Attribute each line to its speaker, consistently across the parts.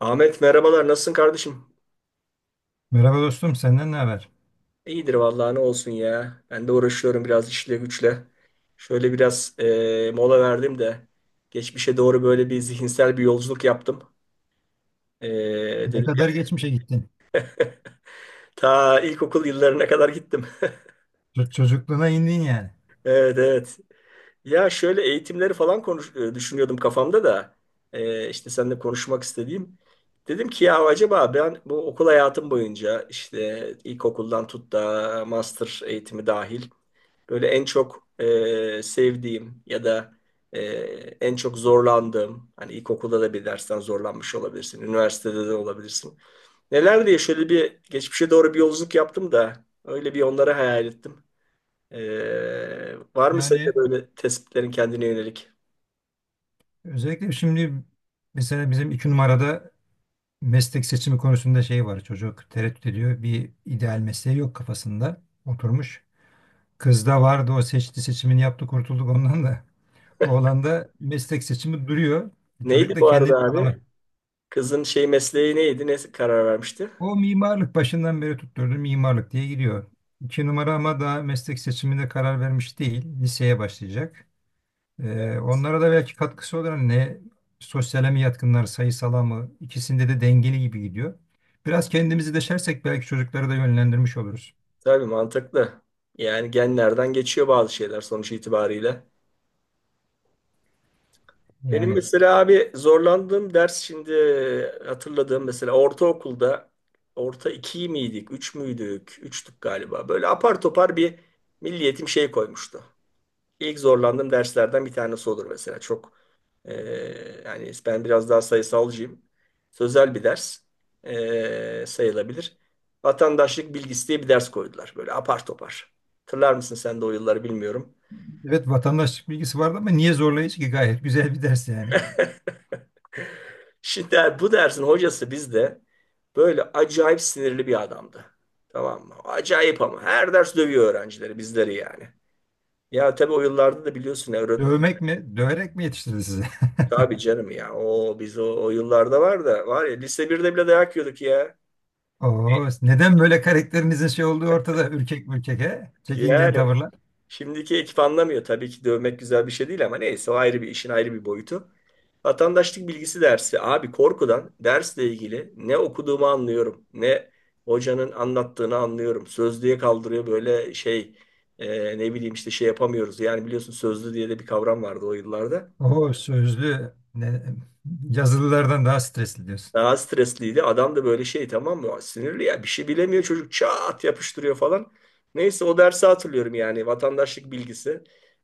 Speaker 1: Ahmet merhabalar, nasılsın kardeşim?
Speaker 2: Merhaba dostum, senden ne haber?
Speaker 1: İyidir vallahi, ne olsun ya. Ben de uğraşıyorum biraz işle güçle. Şöyle biraz mola verdim de geçmişe doğru böyle bir zihinsel bir yolculuk yaptım. E,
Speaker 2: Ne
Speaker 1: Dedim ya,
Speaker 2: kadar geçmişe gittin?
Speaker 1: ta ilkokul yıllarına kadar gittim.
Speaker 2: Çocukluğuna indin yani.
Speaker 1: Evet, evet. Ya şöyle eğitimleri falan konuş düşünüyordum kafamda da işte seninle konuşmak istediğim. Dedim ki ya, acaba ben bu okul hayatım boyunca, işte ilkokuldan tut da master eğitimi dahil, böyle en çok sevdiğim ya da e, en çok zorlandığım, hani ilkokulda da bir dersten zorlanmış olabilirsin, üniversitede de olabilirsin. Neler diye şöyle bir geçmişe doğru bir yolculuk yaptım da öyle bir onları hayal ettim. Var mı senin de
Speaker 2: Yani
Speaker 1: böyle tespitlerin kendine yönelik?
Speaker 2: özellikle şimdi mesela bizim iki numarada meslek seçimi konusunda şey var. Çocuk tereddüt ediyor. Bir ideal mesleği yok kafasında. Oturmuş. Kız da vardı, o seçti, seçimini yaptı, kurtulduk ondan da. Oğlan da meslek seçimi duruyor. Çocuk
Speaker 1: Neydi
Speaker 2: da
Speaker 1: bu arada
Speaker 2: kendini tanımadı.
Speaker 1: abi? Kızın şey mesleği neydi? Ne karar vermişti?
Speaker 2: O mimarlık başından beri tutturdu, mimarlık diye gidiyor. İki numara ama daha meslek seçimine karar vermiş değil. Liseye başlayacak. Onlara da belki katkısı olur. Hani ne, sosyale mi yatkınlar, sayısala mı? İkisinde de dengeli gibi gidiyor. Biraz kendimizi deşersek belki çocukları da yönlendirmiş oluruz.
Speaker 1: Tabii, mantıklı. Yani genlerden geçiyor bazı şeyler sonuç itibariyle. Benim
Speaker 2: Yani
Speaker 1: mesela abi zorlandığım ders, şimdi hatırladığım, mesela ortaokulda, orta iki miydik, üç müydük, üçtük galiba. Böyle apar topar bir milliyetim şey koymuştu. İlk zorlandığım derslerden bir tanesi olur mesela. Çok e, yani ben biraz daha sayısalcıyım. Sözel bir ders sayılabilir. Vatandaşlık bilgisi diye bir ders koydular. Böyle apar topar. Hatırlar mısın sen de o yılları bilmiyorum.
Speaker 2: evet, vatandaşlık bilgisi vardı ama niye zorlayıcı ki? Gayet güzel bir ders yani.
Speaker 1: Şimdi bu dersin hocası bizde böyle acayip sinirli bir adamdı. Tamam mı? Acayip ama. Her ders dövüyor öğrencileri, bizleri yani. Ya tabii o yıllarda da biliyorsun ya
Speaker 2: Dövmek mi, döverek mi yetiştirdi sizi?
Speaker 1: tabii canım ya. O biz o yıllarda var da var ya, lise 1'de bile dayak yiyorduk ya.
Speaker 2: Oo, neden böyle karakterinizin şey olduğu ortada? Ürkek mürkek he? Çekingen
Speaker 1: Yani
Speaker 2: tavırlar.
Speaker 1: şimdiki ekip anlamıyor. Tabii ki dövmek güzel bir şey değil ama neyse, o ayrı bir işin ayrı bir boyutu. Vatandaşlık bilgisi dersi. Abi korkudan dersle ilgili ne okuduğumu anlıyorum, ne hocanın anlattığını anlıyorum. Sözlüğe kaldırıyor, böyle şey, ne bileyim işte şey yapamıyoruz. Yani biliyorsun sözlü diye de bir kavram vardı o yıllarda.
Speaker 2: Oo, yazılılardan daha stresli diyorsun.
Speaker 1: Daha stresliydi. Adam da böyle şey, tamam mı? Sinirli ya, bir şey bilemiyor çocuk çat yapıştırıyor falan. Neyse, o dersi hatırlıyorum yani, vatandaşlık bilgisi.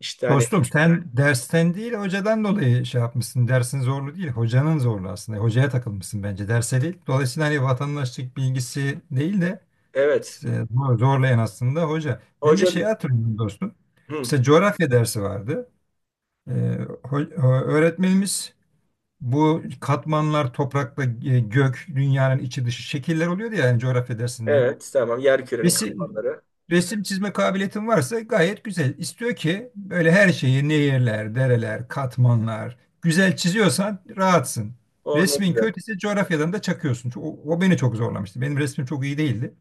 Speaker 1: İşte hani
Speaker 2: Dostum, sen dersten değil hocadan dolayı şey yapmışsın. Dersin zorlu değil, hocanın zorlu aslında. Hocaya takılmışsın bence, derse değil. Dolayısıyla hani vatandaşlık bilgisi değil de
Speaker 1: evet
Speaker 2: zorlayan aslında hoca. Ben de
Speaker 1: hoca.
Speaker 2: şeyi hatırlıyorum dostum.
Speaker 1: Hı,
Speaker 2: Mesela coğrafya dersi vardı. E, öğretmenimiz bu katmanlar, toprakla gök, dünyanın içi dışı şekiller oluyordu ya yani coğrafya dersinde.
Speaker 1: evet, tamam, yer kürenin
Speaker 2: Resim,
Speaker 1: katmanları.
Speaker 2: Resim çizme kabiliyetin varsa gayet güzel. İstiyor ki böyle her şeyi nehirler, dereler, katmanlar güzel çiziyorsan rahatsın.
Speaker 1: Oh ne
Speaker 2: Resmin
Speaker 1: güzel.
Speaker 2: kötüyse coğrafyadan da çakıyorsun. O beni çok zorlamıştı. Benim resmim çok iyi değildi.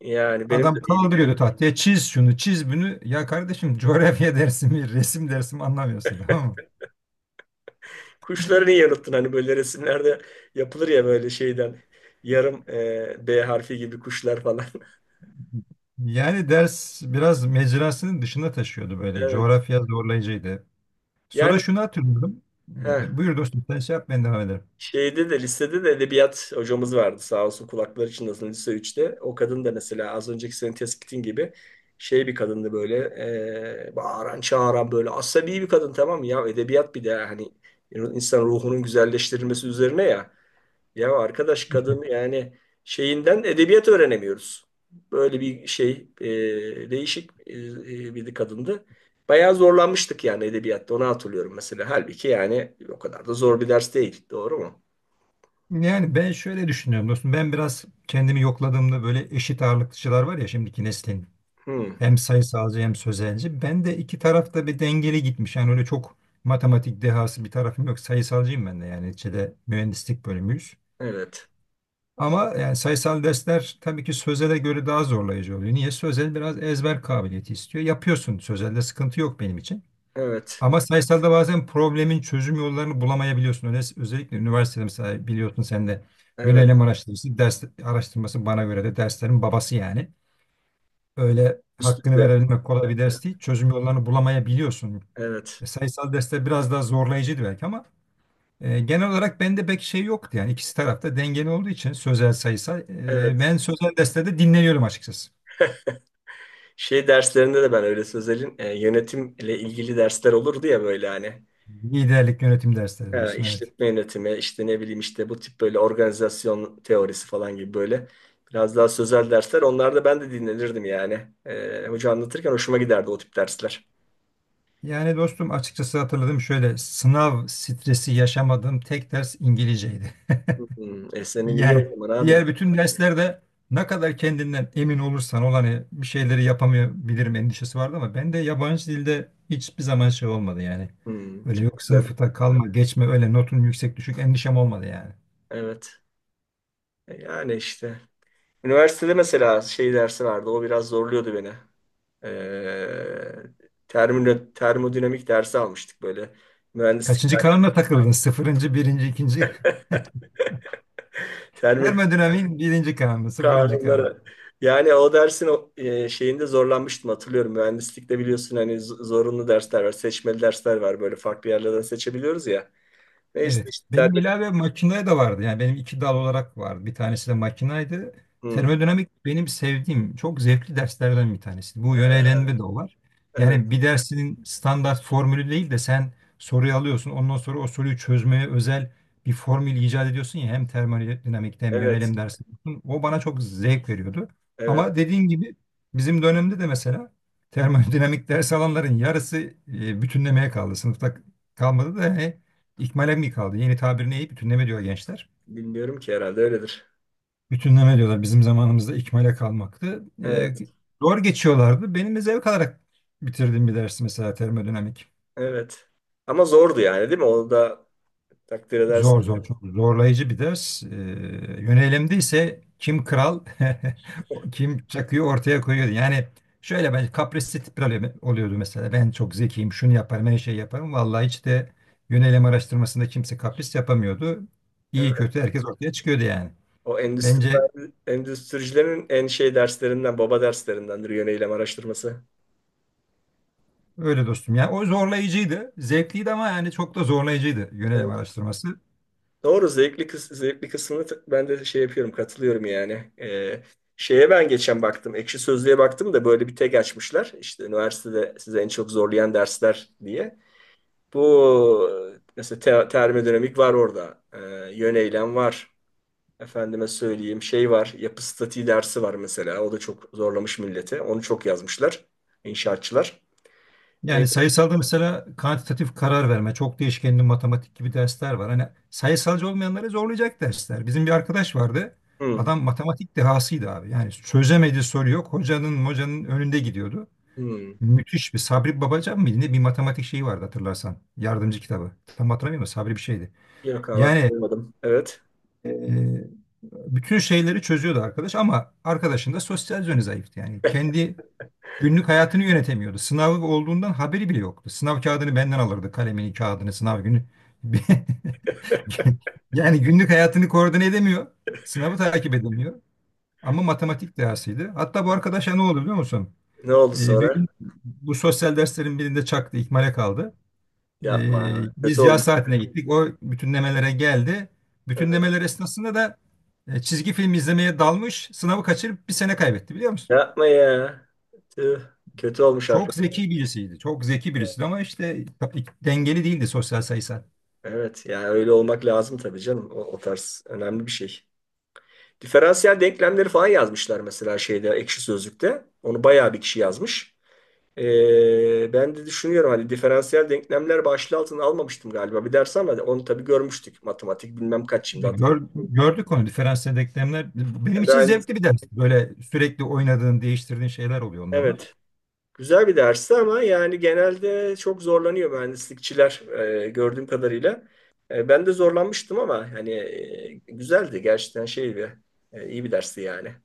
Speaker 1: Yani benim de
Speaker 2: Adam
Speaker 1: iyiydi.
Speaker 2: kaldırıyordu tahtaya, çiz şunu çiz bunu. Ya kardeşim, coğrafya dersi mi resim dersi mi anlamıyorsun tamam mı?
Speaker 1: Kuşları niye unuttun? Hani böyle resimlerde yapılır ya böyle şeyden. Yarım B harfi gibi kuşlar falan.
Speaker 2: Yani ders biraz mecrasının dışına taşıyordu böyle.
Speaker 1: Evet.
Speaker 2: Coğrafya zorlayıcıydı. Sonra
Speaker 1: Yani
Speaker 2: şunu hatırlıyorum.
Speaker 1: heh,
Speaker 2: Buyur dostum, sen şey yap, ben devam ederim.
Speaker 1: şeyde de lisede de edebiyat hocamız vardı, sağ olsun kulakları çınlasın, lise üçte. O kadın da mesela az önceki senin tespitin gibi şey bir kadındı, böyle bağıran çağıran böyle asabi bir kadın, tamam mı? Ya edebiyat bir de hani insan ruhunun güzelleştirilmesi üzerine ya. Ya arkadaş, kadın yani şeyinden edebiyat öğrenemiyoruz. Böyle bir şey değişik bir kadındı. Bayağı zorlanmıştık yani edebiyatta, onu hatırlıyorum mesela. Halbuki yani o kadar da zor bir ders değil. Doğru mu?
Speaker 2: Yani ben şöyle düşünüyorum dostum. Ben biraz kendimi yokladığımda böyle eşit ağırlıkçılar var ya şimdiki neslin.
Speaker 1: Hmm,
Speaker 2: Hem sayısalcı hem sözelci. Ben de iki tarafta bir dengeli gitmiş. Yani öyle çok matematik dehası bir tarafım yok. Sayısalcıyım ben de yani, neticede mühendislik bölümüyüz.
Speaker 1: evet.
Speaker 2: Ama yani sayısal dersler tabii ki sözele göre daha zorlayıcı oluyor. Niye? Sözel biraz ezber kabiliyeti istiyor. Yapıyorsun. Sözelde sıkıntı yok benim için.
Speaker 1: Evet.
Speaker 2: Ama sayısalda bazen problemin çözüm yollarını bulamayabiliyorsun. Öyle, özellikle üniversitede mesela, biliyorsun sen de,
Speaker 1: Evet.
Speaker 2: yönelim araştırması, ders araştırması bana göre de derslerin babası yani. Öyle hakkını
Speaker 1: Üstünde
Speaker 2: verebilmek kolay bir ders değil. Çözüm yollarını bulamayabiliyorsun.
Speaker 1: evet.
Speaker 2: Sayısal dersler biraz daha zorlayıcıydı belki ama genel olarak bende pek şey yoktu. Yani ikisi tarafta dengeli olduğu için sözel sayısal.
Speaker 1: Evet.
Speaker 2: Ben sözel derslerde dinleniyorum açıkçası.
Speaker 1: Şey derslerinde de ben öyle sözelin yönetimle ilgili dersler olurdu ya böyle hani.
Speaker 2: Liderlik yönetim dersleri
Speaker 1: Ha,
Speaker 2: diyorsun, evet.
Speaker 1: işletme yönetimi, işte ne bileyim işte bu tip böyle organizasyon teorisi falan gibi böyle biraz daha sözel dersler. Onlarda ben de dinlenirdim yani. Hoca anlatırken hoşuma giderdi o tip dersler.
Speaker 2: Yani dostum, açıkçası hatırladım, şöyle sınav stresi yaşamadığım tek ders İngilizceydi.
Speaker 1: Hmm, e senin iyi
Speaker 2: Yani
Speaker 1: o zaman abi.
Speaker 2: diğer bütün derslerde ne kadar kendinden emin olursan ol hani bir şeyleri yapamayabilirim endişesi vardı, ama ben de yabancı dilde hiçbir zaman şey olmadı yani.
Speaker 1: Hmm,
Speaker 2: Öyle
Speaker 1: çok
Speaker 2: yok,
Speaker 1: güzel.
Speaker 2: sınıfta kalma geçme, öyle notun yüksek düşük endişem olmadı yani.
Speaker 1: Evet. E yani işte. Üniversitede mesela şey dersi vardı. O biraz zorluyordu beni. Ee, Termodinamik dersi almıştık böyle. Mühendislik
Speaker 2: Kaçıncı
Speaker 1: dersi.
Speaker 2: kanuna takıldın? Sıfırıncı, birinci, ikinci. Termodinamiğin birinci kanunu, sıfırıncı.
Speaker 1: Kanunlara. Yani o dersin o, şeyinde zorlanmıştım hatırlıyorum. Mühendislikte biliyorsun hani zorunlu dersler var, seçmeli dersler var. Böyle farklı yerlerden seçebiliyoruz ya. Ne işte
Speaker 2: Evet.
Speaker 1: işte
Speaker 2: Benim
Speaker 1: serbest-
Speaker 2: ilave makinaya da vardı. Yani benim iki dal olarak vardı. Bir tanesi de makinaydı.
Speaker 1: Hı,
Speaker 2: Termodinamik benim sevdiğim, çok zevkli derslerden bir tanesi. Bu yönelenme de o var.
Speaker 1: evet,
Speaker 2: Yani bir dersinin standart formülü değil de sen soruyu alıyorsun. Ondan sonra o soruyu çözmeye özel bir formül icat ediyorsun ya. Hem termodinamikte hem
Speaker 1: evet,
Speaker 2: yönelim dersinde. O bana çok zevk veriyordu.
Speaker 1: evet.
Speaker 2: Ama dediğin gibi bizim dönemde de mesela termodinamik ders alanların yarısı bütünlemeye kaldı. Sınıfta kalmadı da. Yani İkmale mi kaldı? Yeni tabir ne? Bütünleme diyor gençler.
Speaker 1: Bilmiyorum ki, herhalde öyledir.
Speaker 2: Bütünleme diyorlar. Bizim zamanımızda ikmale kalmaktı.
Speaker 1: Evet,
Speaker 2: Doğru geçiyorlardı. Benim de zevk alarak bitirdiğim bir ders mesela termodinamik.
Speaker 1: evet. Ama zordu yani değil mi? Onu da takdir edersin.
Speaker 2: Zor, zor, çok zorlayıcı bir ders. Yönelimde ise kim kral kim çakıyı ortaya koyuyordu. Yani şöyle ben, kaprisli tipler oluyordu mesela. Ben çok zekiyim, şunu yaparım, her şeyi yaparım. Vallahi hiç de yönelim araştırmasında kimse kapris yapamıyordu. İyi
Speaker 1: Evet.
Speaker 2: kötü herkes ortaya çıkıyordu yani.
Speaker 1: O
Speaker 2: Bence
Speaker 1: endüstri, endüstricilerin en şey derslerinden, baba derslerindendir yöneylem araştırması.
Speaker 2: öyle dostum. Yani o zorlayıcıydı. Zevkliydi ama yani çok da zorlayıcıydı yönelim
Speaker 1: Evet.
Speaker 2: araştırması.
Speaker 1: Doğru, zevkli, zevkli kısmını ben de şey yapıyorum, katılıyorum yani. Şeye ben geçen baktım, Ekşi Sözlüğe baktım da, böyle bir tek açmışlar. İşte üniversitede size en çok zorlayan dersler diye. Bu mesela termodinamik var orada. Yöneylem var. Efendime söyleyeyim şey var. Yapı statiği dersi var mesela. O da çok zorlamış milleti. Onu çok yazmışlar inşaatçılar. Ee,
Speaker 2: Yani sayısalda mesela kantitatif karar verme, çok değişkenli matematik gibi dersler var. Hani sayısalcı olmayanları zorlayacak dersler. Bizim bir arkadaş vardı.
Speaker 1: hmm,
Speaker 2: Adam matematik dehasıydı abi. Yani çözemediği soru yok. Hocanın önünde gidiyordu.
Speaker 1: hmm.
Speaker 2: Müthiş bir Sabri Babacan mıydı ne, bir matematik şeyi vardı hatırlarsan. Yardımcı kitabı. Tam hatırlamıyorum da Sabri bir şeydi.
Speaker 1: Yok abi,
Speaker 2: Yani
Speaker 1: hatırlamadım. Evet.
Speaker 2: e, Bütün şeyleri çözüyordu arkadaş, ama arkadaşın da sosyal yönü zayıftı. Yani kendi günlük hayatını yönetemiyordu. Sınavı olduğundan haberi bile yoktu. Sınav kağıdını benden alırdı. Kalemini, kağıdını, sınav günü. Yani günlük hayatını koordine edemiyor. Sınavı takip edemiyor. Ama matematik dersiydi. Hatta bu arkadaşa ne oldu biliyor musun?
Speaker 1: Ne oldu
Speaker 2: Bir
Speaker 1: sonra?
Speaker 2: gün bu sosyal derslerin birinde çaktı, ikmale kaldı.
Speaker 1: Yapma. Kötü
Speaker 2: Biz
Speaker 1: oldu.
Speaker 2: yaz saatine gittik. O bütünlemelere geldi.
Speaker 1: Ee.
Speaker 2: Bütünlemeler esnasında da çizgi film izlemeye dalmış. Sınavı kaçırıp bir sene kaybetti biliyor musun?
Speaker 1: Yapma ya. Tüh. Kötü olmuş
Speaker 2: Çok
Speaker 1: arkadaş.
Speaker 2: zeki birisiydi. Çok zeki birisiydi ama işte dengeli değildi, sosyal sayısal.
Speaker 1: Evet yani öyle olmak lazım tabii canım. O tarz önemli bir şey. Diferansiyel denklemleri falan yazmışlar mesela şeyde, Ekşi Sözlük'te. Onu bayağı bir kişi yazmış. Ben de düşünüyorum hani diferansiyel denklemler başlığı altına almamıştım galiba bir ders, ama onu tabii görmüştük. Matematik bilmem kaç, şimdi hatırlamıyorum.
Speaker 2: Gördük onu, diferansiyel denklemler. Benim
Speaker 1: Yani
Speaker 2: için
Speaker 1: ben-
Speaker 2: zevkli bir ders. Böyle sürekli oynadığın, değiştirdiğin şeyler oluyor onda da.
Speaker 1: evet. Güzel bir dersti ama yani genelde çok zorlanıyor mühendislikçiler gördüğüm kadarıyla. Ben de zorlanmıştım ama hani güzeldi gerçekten, şey bir iyi bir dersti yani.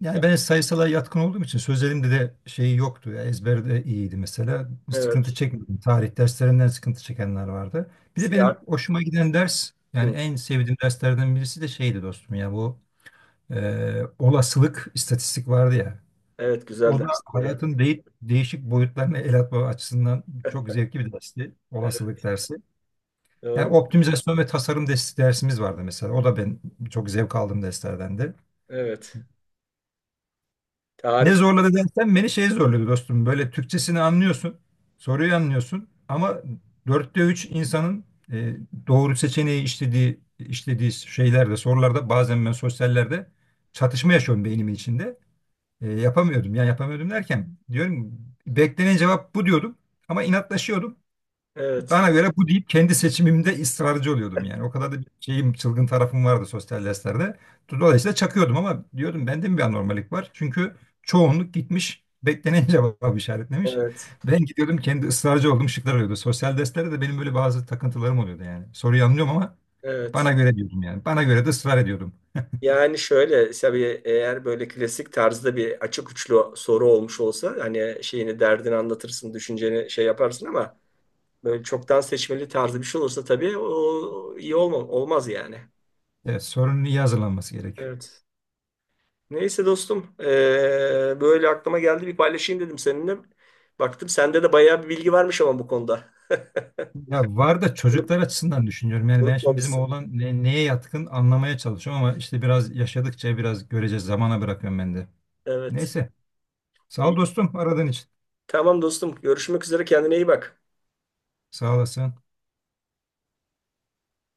Speaker 2: Yani ben sayısala yatkın olduğum için sözlerimde de şey yoktu. Ya ezberde iyiydi mesela. Bir sıkıntı
Speaker 1: Evet.
Speaker 2: çekmedim. Tarih derslerinden sıkıntı çekenler vardı. Bir de benim
Speaker 1: Siyah.
Speaker 2: hoşuma giden ders, yani
Speaker 1: Hı.
Speaker 2: en sevdiğim derslerden birisi de şeydi dostum ya, bu olasılık istatistik vardı ya.
Speaker 1: Evet, güzel
Speaker 2: O da
Speaker 1: dersti o da.
Speaker 2: hayatın de değişik boyutlarına el atma açısından çok zevkli bir dersti.
Speaker 1: Evet,
Speaker 2: Olasılık dersi.
Speaker 1: doğru.
Speaker 2: Yani optimizasyon ve tasarım dersimiz vardı mesela. O da ben çok zevk aldığım derslerdendi.
Speaker 1: Evet.
Speaker 2: Ne
Speaker 1: Tarih.
Speaker 2: zorladı dersen beni, şey zorladı dostum. Böyle Türkçesini anlıyorsun, soruyu anlıyorsun ama dörtte üç insanın e, doğru seçeneği işlediği şeylerde, sorularda bazen ben sosyallerde çatışma yaşıyorum beynimin içinde. Yapamıyordum. Yani yapamıyordum derken, diyorum beklenen cevap bu, diyordum ama inatlaşıyordum.
Speaker 1: Evet.
Speaker 2: Bana göre bu deyip kendi seçimimde ısrarcı oluyordum yani. O kadar da bir şeyim, çılgın tarafım vardı sosyal derslerde. Dolayısıyla çakıyordum ama diyordum, bende mi bir anormalik var? Çünkü çoğunluk gitmiş beklenen cevabı işaretlemiş.
Speaker 1: Evet.
Speaker 2: Ben gidiyordum, kendi ısrarcı olduğum şıklar oluyordu. Sosyal derslerde de benim böyle bazı takıntılarım oluyordu yani. Soruyu anlıyorum ama
Speaker 1: Evet.
Speaker 2: bana göre diyordum yani. Bana göre de ısrar ediyordum.
Speaker 1: Yani şöyle tabii, eğer böyle klasik tarzda bir açık uçlu soru olmuş olsa, hani şeyini, derdini anlatırsın, düşünceni şey yaparsın, ama böyle çok daha seçmeli tarzı bir şey olursa, tabii o iyi olmaz yani.
Speaker 2: Evet, sorunun iyi hazırlanması gerekiyor.
Speaker 1: Evet. Neyse dostum, böyle aklıma geldi, bir paylaşayım dedim seninle. Baktım sende de bayağı bir bilgi varmış ama bu konuda.
Speaker 2: Ya var da
Speaker 1: Unut-
Speaker 2: çocuklar açısından düşünüyorum. Yani ben şimdi bizim
Speaker 1: Unutmamışsın.
Speaker 2: oğlan neye yatkın anlamaya çalışıyorum ama işte biraz yaşadıkça biraz göreceğiz. Zamana bırakıyorum ben de.
Speaker 1: Evet.
Speaker 2: Neyse. Sağ ol
Speaker 1: İyi.
Speaker 2: dostum aradığın için.
Speaker 1: Tamam dostum, görüşmek üzere, kendine iyi bak.
Speaker 2: Sağ olasın.